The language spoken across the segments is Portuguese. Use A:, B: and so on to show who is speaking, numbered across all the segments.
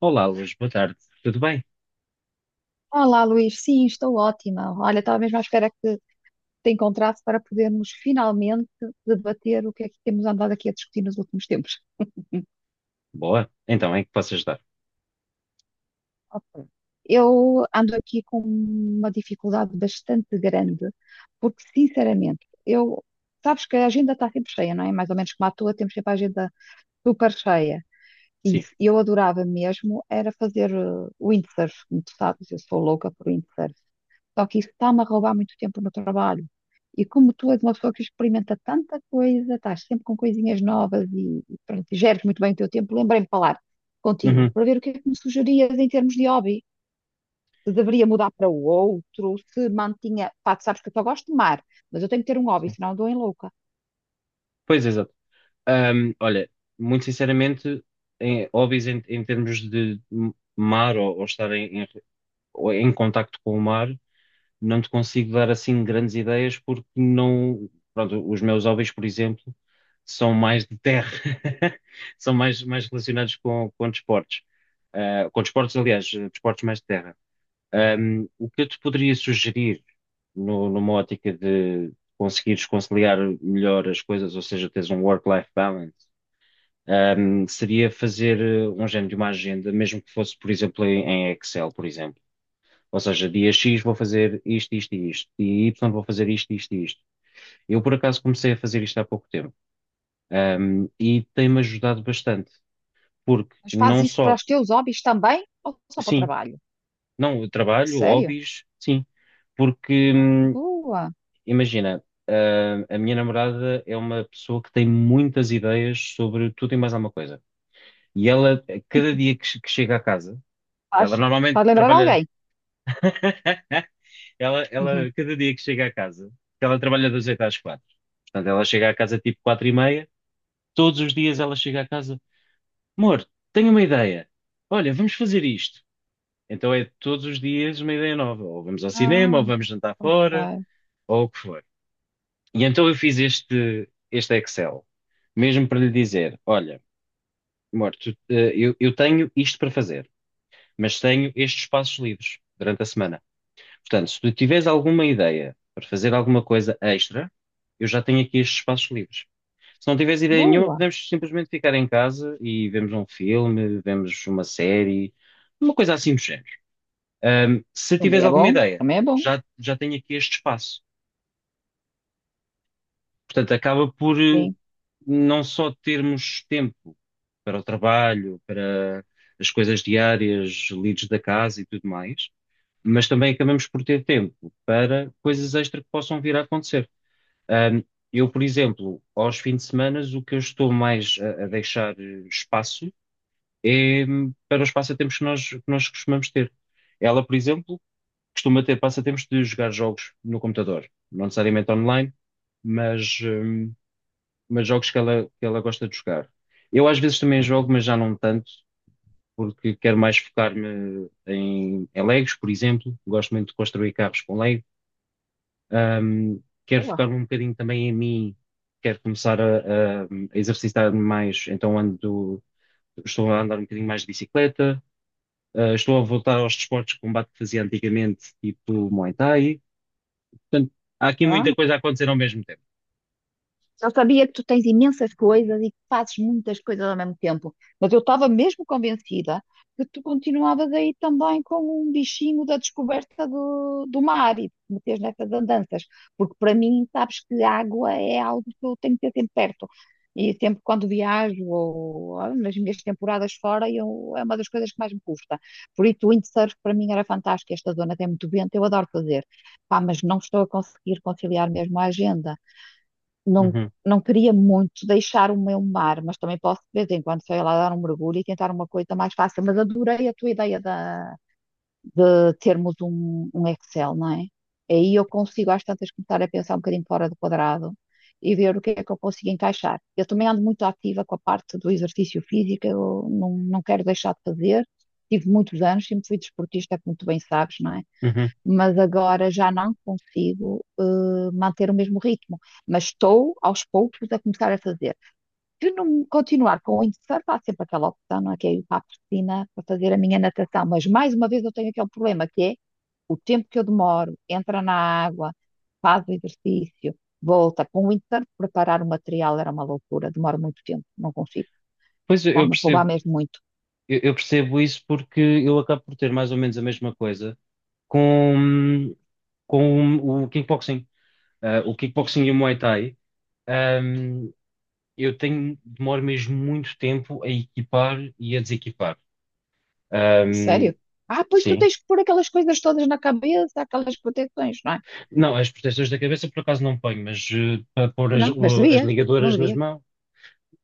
A: Olá, Luz, boa tarde. Tudo bem?
B: Olá, Luís. Sim, estou ótima. Olha, estava mesmo à espera que te encontrasse para podermos finalmente debater o que é que temos andado aqui a discutir nos últimos tempos.
A: Boa. Então, em que posso ajudar?
B: Ok. Eu ando aqui com uma dificuldade bastante grande, porque, sinceramente, eu. Sabes que a agenda está sempre cheia, não é? Mais ou menos como a tua, temos sempre a agenda super cheia.
A: Sim.
B: Isso, eu adorava mesmo era fazer windsurf, como tu sabes, eu sou louca por windsurf. Só que isso está-me a roubar muito tempo no trabalho. E como tu és uma pessoa que experimenta tanta coisa, estás sempre com coisinhas novas e pronto, e geres muito bem o teu tempo, lembrei-me de falar contigo
A: Uhum,
B: para ver o que é que me sugerias em termos de hobby. Se deveria mudar para o outro, se mantinha. Pá, tu sabes que eu só gosto de mar, mas eu tenho que ter um hobby,
A: sim.
B: senão eu dou em louca.
A: Pois, exato. Olha, muito sinceramente, hobbies em termos de mar ou estar ou em contacto com o mar, não te consigo dar assim grandes ideias porque não. Pronto, os meus hobbies, por exemplo, são mais de terra, são mais relacionados com desportos. Ah, com desportos, aliás, desportos mais de terra. O que eu te poderia sugerir numa ótica de conseguires conciliar melhor as coisas, ou seja, teres um work-life balance, seria fazer um género de uma agenda, mesmo que fosse, por exemplo, em Excel, por exemplo. Ou seja, dia X vou fazer isto, isto e isto, e Y vou fazer isto, isto e isto. Eu, por acaso, comecei a fazer isto há pouco tempo, e tem-me ajudado bastante, porque
B: Mas faz
A: não
B: isso para
A: só,
B: os teus hobbies também ou só para o
A: sim,
B: trabalho?
A: não, eu trabalho,
B: Sério?
A: hobbies, sim, porque
B: Boa!
A: imagina, a minha namorada é uma pessoa que tem muitas ideias sobre tudo e mais alguma coisa. E ela, a cada dia que chega à casa,
B: Faz,
A: ela normalmente
B: faz lembrar
A: trabalha.
B: alguém. Uhum.
A: Cada dia que chega à casa, que ela trabalha das 8 às 4. Portanto, ela chega à casa tipo 4 e meia. Todos os dias ela chega à casa, amor, tenho uma ideia. Olha, vamos fazer isto. Então é todos os dias uma ideia nova. Ou vamos ao cinema,
B: Ah,
A: ou vamos jantar fora,
B: ok.
A: ou o que for. E então eu fiz este Excel, mesmo para lhe dizer: olha, amor, eu tenho isto para fazer, mas tenho estes espaços livres durante a semana. Portanto, se tu tiveres alguma ideia para fazer alguma coisa extra, eu já tenho aqui estes espaços livres. Se não tiveres ideia nenhuma,
B: Boa.
A: podemos simplesmente ficar em casa e vemos um filme, vemos uma série, uma coisa assim do género. Se tiveres
B: Também é
A: alguma
B: bom.
A: ideia,
B: Também é bom.
A: já tenho aqui este espaço. Portanto, acaba por
B: Sim.
A: não só termos tempo para o trabalho, para as coisas diárias, lides da casa e tudo mais, mas também acabamos por ter tempo para coisas extra que possam vir a acontecer. Ahm, eu, por exemplo, aos fins de semana, o que eu estou mais a deixar espaço é para os passatempos que que nós costumamos ter. Ela, por exemplo, costuma ter passatempos de jogar jogos no computador, não necessariamente online, mas. hum, mas jogos que que ela gosta de jogar. Eu às vezes também jogo, mas já não tanto, porque quero mais focar-me em Legos, por exemplo. Gosto muito de construir carros com Lego. Ahm, Quero
B: Boa.
A: focar-me um bocadinho também em mim, quero começar a exercitar-me mais, então estou a andar um bocadinho mais de bicicleta. Ah, estou a voltar aos desportos de combate que fazia antigamente, tipo Muay Thai. Portanto, há aqui muita coisa a acontecer ao mesmo tempo.
B: Eu sabia que tu tens imensas coisas e que fazes muitas coisas ao mesmo tempo, mas eu estava mesmo convencida que tu continuavas aí também com um bichinho da descoberta do mar e de te meteres nessas andanças, porque para mim, sabes que a água é algo que eu tenho que ter sempre perto. E sempre quando viajo ou nas minhas temporadas fora, eu, é uma das coisas que mais me custa. Por isso, o windsurf para mim era fantástico. Esta zona tem muito vento, eu adoro fazer. Pá, mas não estou a conseguir conciliar mesmo a agenda não,
A: Uhum,
B: não queria muito deixar o meu mar, mas também posso de vez em quando sair lá dar um mergulho e tentar uma coisa mais fácil. Mas adorei a tua ideia de termos um Excel, não é? Aí eu consigo às tantas começar a pensar um bocadinho fora do quadrado e ver o que é que eu consigo encaixar. Eu também ando muito ativa com a parte do exercício físico, eu não quero deixar de fazer. Tive muitos anos, sempre fui desportista, como tu bem sabes, não é?
A: uhum.
B: Mas agora já não consigo manter o mesmo ritmo. Mas estou aos poucos a começar a fazer. Se não continuar com o windsurf, há sempre aquela opção, não é? Que é ir para a piscina para fazer a minha natação. Mas mais uma vez eu tenho aquele problema que é o tempo que eu demoro, entra na água, faz o exercício, volta. Com o windsurf, preparar o material era uma loucura, demora muito tempo, não consigo.
A: Pois eu
B: Está-me a roubar
A: percebo.
B: mesmo muito.
A: Eu percebo isso porque eu acabo por ter mais ou menos a mesma coisa com, com o kickboxing. Ah, o kickboxing e o Muay Thai, ahm, eu tenho, demoro mesmo muito tempo a equipar e a desequipar.
B: Sério?
A: Ahm,
B: Ah, pois tu
A: sim.
B: tens que pôr aquelas coisas todas na cabeça, aquelas proteções, não é?
A: Não, as proteções da cabeça por acaso não ponho, mas para pôr
B: Ah, não, mas
A: as
B: devias, não
A: ligadoras nas
B: devias.
A: mãos.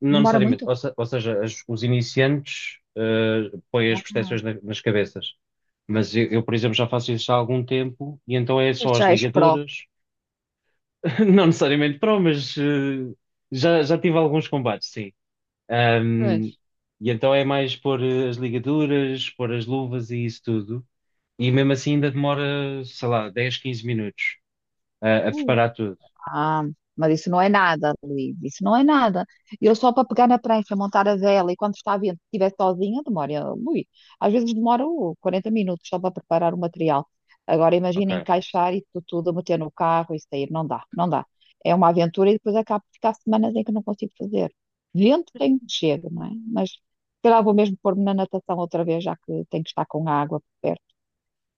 A: Não
B: Demora
A: necessariamente.
B: muito.
A: Ou, se- Ou seja, os iniciantes põem as
B: Ah,
A: proteções nas cabeças. Mas eu, por exemplo, já faço isso há algum tempo e então é
B: pois
A: só as
B: já és pró.
A: ligaduras. Não necessariamente pró, mas já tive alguns combates, sim.
B: Pois.
A: Um, e então é mais pôr as ligaduras, pôr as luvas e isso tudo. E mesmo assim ainda demora, sei lá, 10, 15 minutos a preparar tudo.
B: Ah, mas isso não é nada, Luís, isso não é nada. Eu só para pegar na prancha, montar a vela e quando está a vento, se estiver sozinha, demora, ui, às vezes demora 40 minutos só para preparar o material. Agora imagina
A: Ok.
B: encaixar isso tudo, meter no carro e sair, não dá, não dá. É uma aventura e depois acabo de ficar semanas em que não consigo fazer. Vento tenho que chego, não é? Mas se calhar vou mesmo pôr-me na natação outra vez, já que tenho que estar com a água por perto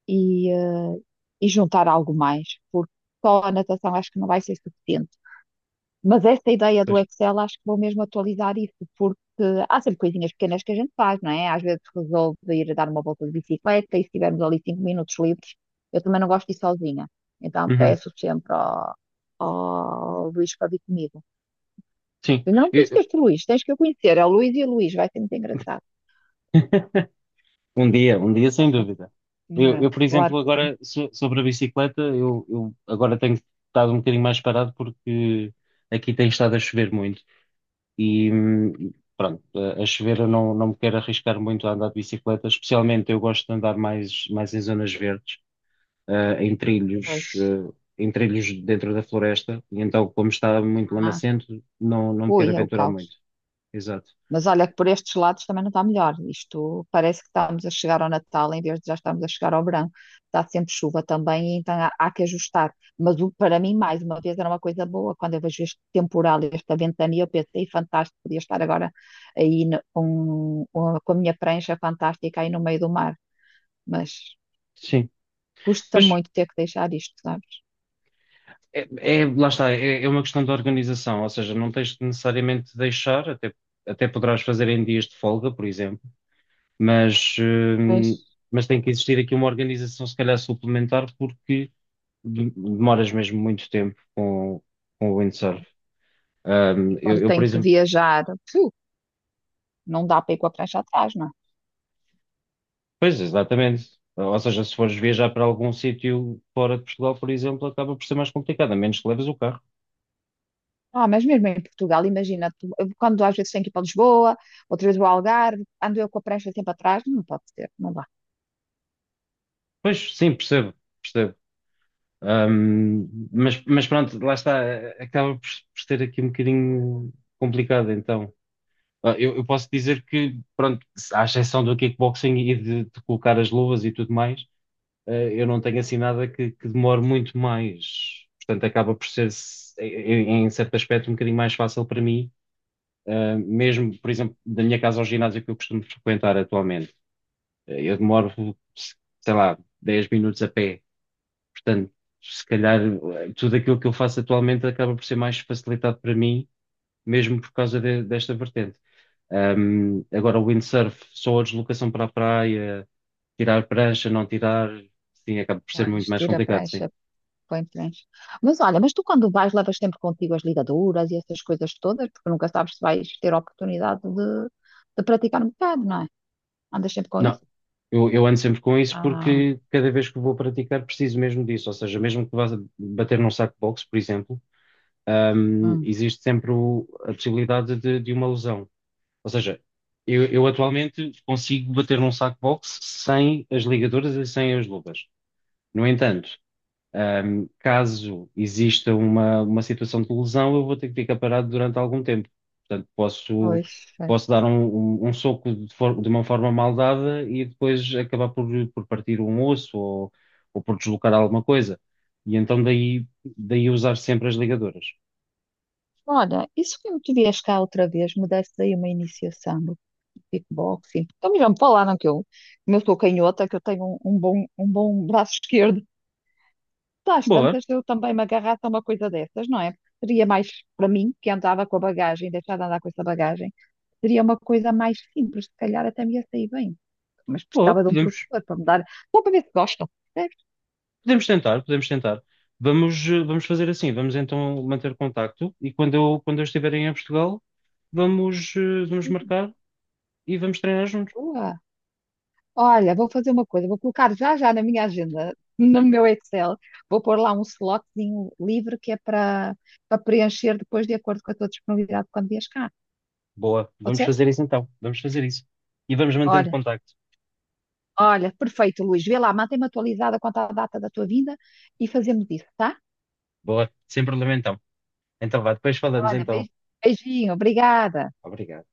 B: e, eh, e juntar algo mais, porque só a natação acho que não vai ser suficiente mas esta ideia do
A: Pois.
B: Excel, acho que vou mesmo atualizar isso, porque há sempre coisinhas pequenas que a gente faz, não é? Às vezes resolve ir dar uma volta de bicicleta e se tivermos ali cinco minutos livres, eu também não gosto de ir sozinha. Então
A: Uhum.
B: peço sempre ao Luís para vir comigo.
A: Sim.
B: Eu ainda não conheço este Luís, tens que eu conhecer. É o Luís e o Luís, vai ser muito engraçado.
A: Um dia sem dúvida. Eu, por
B: Claro
A: exemplo,
B: que sim.
A: agora sobre a bicicleta, eu agora tenho estado um bocadinho mais parado porque aqui tem estado a chover muito e pronto, a chover eu não me quero arriscar muito a andar de bicicleta, especialmente eu gosto de andar mais em zonas verdes, em trilhos,
B: Pois.
A: ah, em trilhos dentro da floresta, e então como está muito
B: Ah.
A: lamacento, não me quero
B: Ui, é o
A: aventurar
B: caos.
A: muito. Exato.
B: Mas olha que por estes lados também não está melhor. Isto parece que estamos a chegar ao Natal em vez de já estamos a chegar ao verão. Está sempre chuva também, então há que ajustar. Mas para mim, mais uma vez, era uma coisa boa. Quando eu vejo este temporal, esta ventania, eu pensei, fantástico, podia estar agora aí com a minha prancha fantástica aí no meio do mar. Mas
A: Sim,
B: custa
A: pois
B: muito ter que deixar isto, sabes?
A: é, lá está, é uma questão de organização, ou seja, não tens de necessariamente de deixar, até, até poderás fazer em dias de folga, por exemplo, mas, hum,
B: Mas,
A: mas tem que existir aqui uma organização, se calhar suplementar, porque demoras mesmo muito tempo com o windsurf. Ahm,
B: E
A: eu,
B: quando
A: eu, por
B: tenho que
A: exemplo,
B: viajar, pfiu, não dá para ir com a prancha atrás, não é?
A: pois, exatamente. Ou seja, se fores viajar para algum sítio fora de Portugal, por exemplo, acaba por ser mais complicado, a menos que leves o carro.
B: Ah, mas mesmo em Portugal, imagina, eu, quando às vezes tenho que ir para Lisboa, outras vezes vou ao Algarve, ando eu com a prancha sempre atrás, não pode ser, não dá.
A: Pois, sim, percebo, percebo. Mas pronto, lá está, acaba por ser aqui um bocadinho complicado, então. Ah, eu posso dizer que, pronto, à exceção do kickboxing e de colocar as luvas e tudo mais, eu não tenho assim nada que demore muito mais. Portanto, acaba por ser, em certo aspecto, um bocadinho mais fácil para mim. Mesmo, por exemplo, da minha casa ao ginásio que eu costumo frequentar atualmente, eu demoro, sei lá, 10 minutos a pé. Portanto, se calhar tudo aquilo que eu faço atualmente acaba por ser mais facilitado para mim, mesmo por causa desta vertente. Agora, o windsurf, só a deslocação para a praia, tirar prancha, não tirar, sim, acaba por ser muito
B: Vais,
A: mais
B: tira a
A: complicado, sim.
B: prancha, põe prancha. Mas olha, mas tu quando vais levas sempre contigo as ligaduras e essas coisas todas, porque nunca sabes se vais ter a oportunidade de praticar um bocado, não é? Andas sempre com
A: Não,
B: isso?
A: eu ando sempre com isso
B: Ah,
A: porque cada vez que vou praticar preciso mesmo disso. Ou seja, mesmo que vá bater num saco de boxe, por exemplo,
B: hum,
A: existe sempre a possibilidade de uma lesão. Ou seja, eu atualmente consigo bater num saco box sem as ligaduras e sem as luvas. No entanto, caso exista uma situação de lesão, eu vou ter que ficar parado durante algum tempo. Portanto, posso,
B: pois, é.
A: posso dar um soco de uma forma mal dada e depois acabar por partir um osso ou por deslocar alguma coisa. E então daí, daí usar sempre as ligaduras.
B: Olha, isso que me tu vieste cá outra vez, me deste aí uma iniciação. Kickboxing. Então me vamos falar, não que eu, como eu sou canhota, que eu tenho um bom braço esquerdo. Às
A: Boa,
B: tantas, eu também me agarrasse a uma coisa dessas, não é? Porque seria mais para mim, que andava com a bagagem, deixar de andar com essa bagagem, seria uma coisa mais simples, se calhar até me ia sair bem. Mas
A: boa,
B: precisava de um
A: podemos,
B: professor para me dar, só para ver se gostam. Percebes?
A: podemos tentar, podemos tentar. Vamos, vamos fazer assim, vamos então manter contacto e quando quando eu estiver em Portugal, vamos, vamos marcar e vamos treinar juntos.
B: Boa. Olha, vou fazer uma coisa, vou colocar já já na minha agenda, no meu Excel, vou pôr lá um slotzinho livre que é para preencher depois de acordo com a tua disponibilidade quando vies cá.
A: Boa,
B: Pode
A: vamos
B: ser?
A: fazer isso então, vamos fazer isso. E vamos mantendo
B: Olha,
A: contacto.
B: olha, perfeito, Luís. Vê lá, mantém-me atualizada quanto à data da tua vinda e fazemos isso, tá?
A: Boa, sem problema então. Então vá, depois falamos
B: Olha,
A: então.
B: beijinho, obrigada.
A: Obrigado.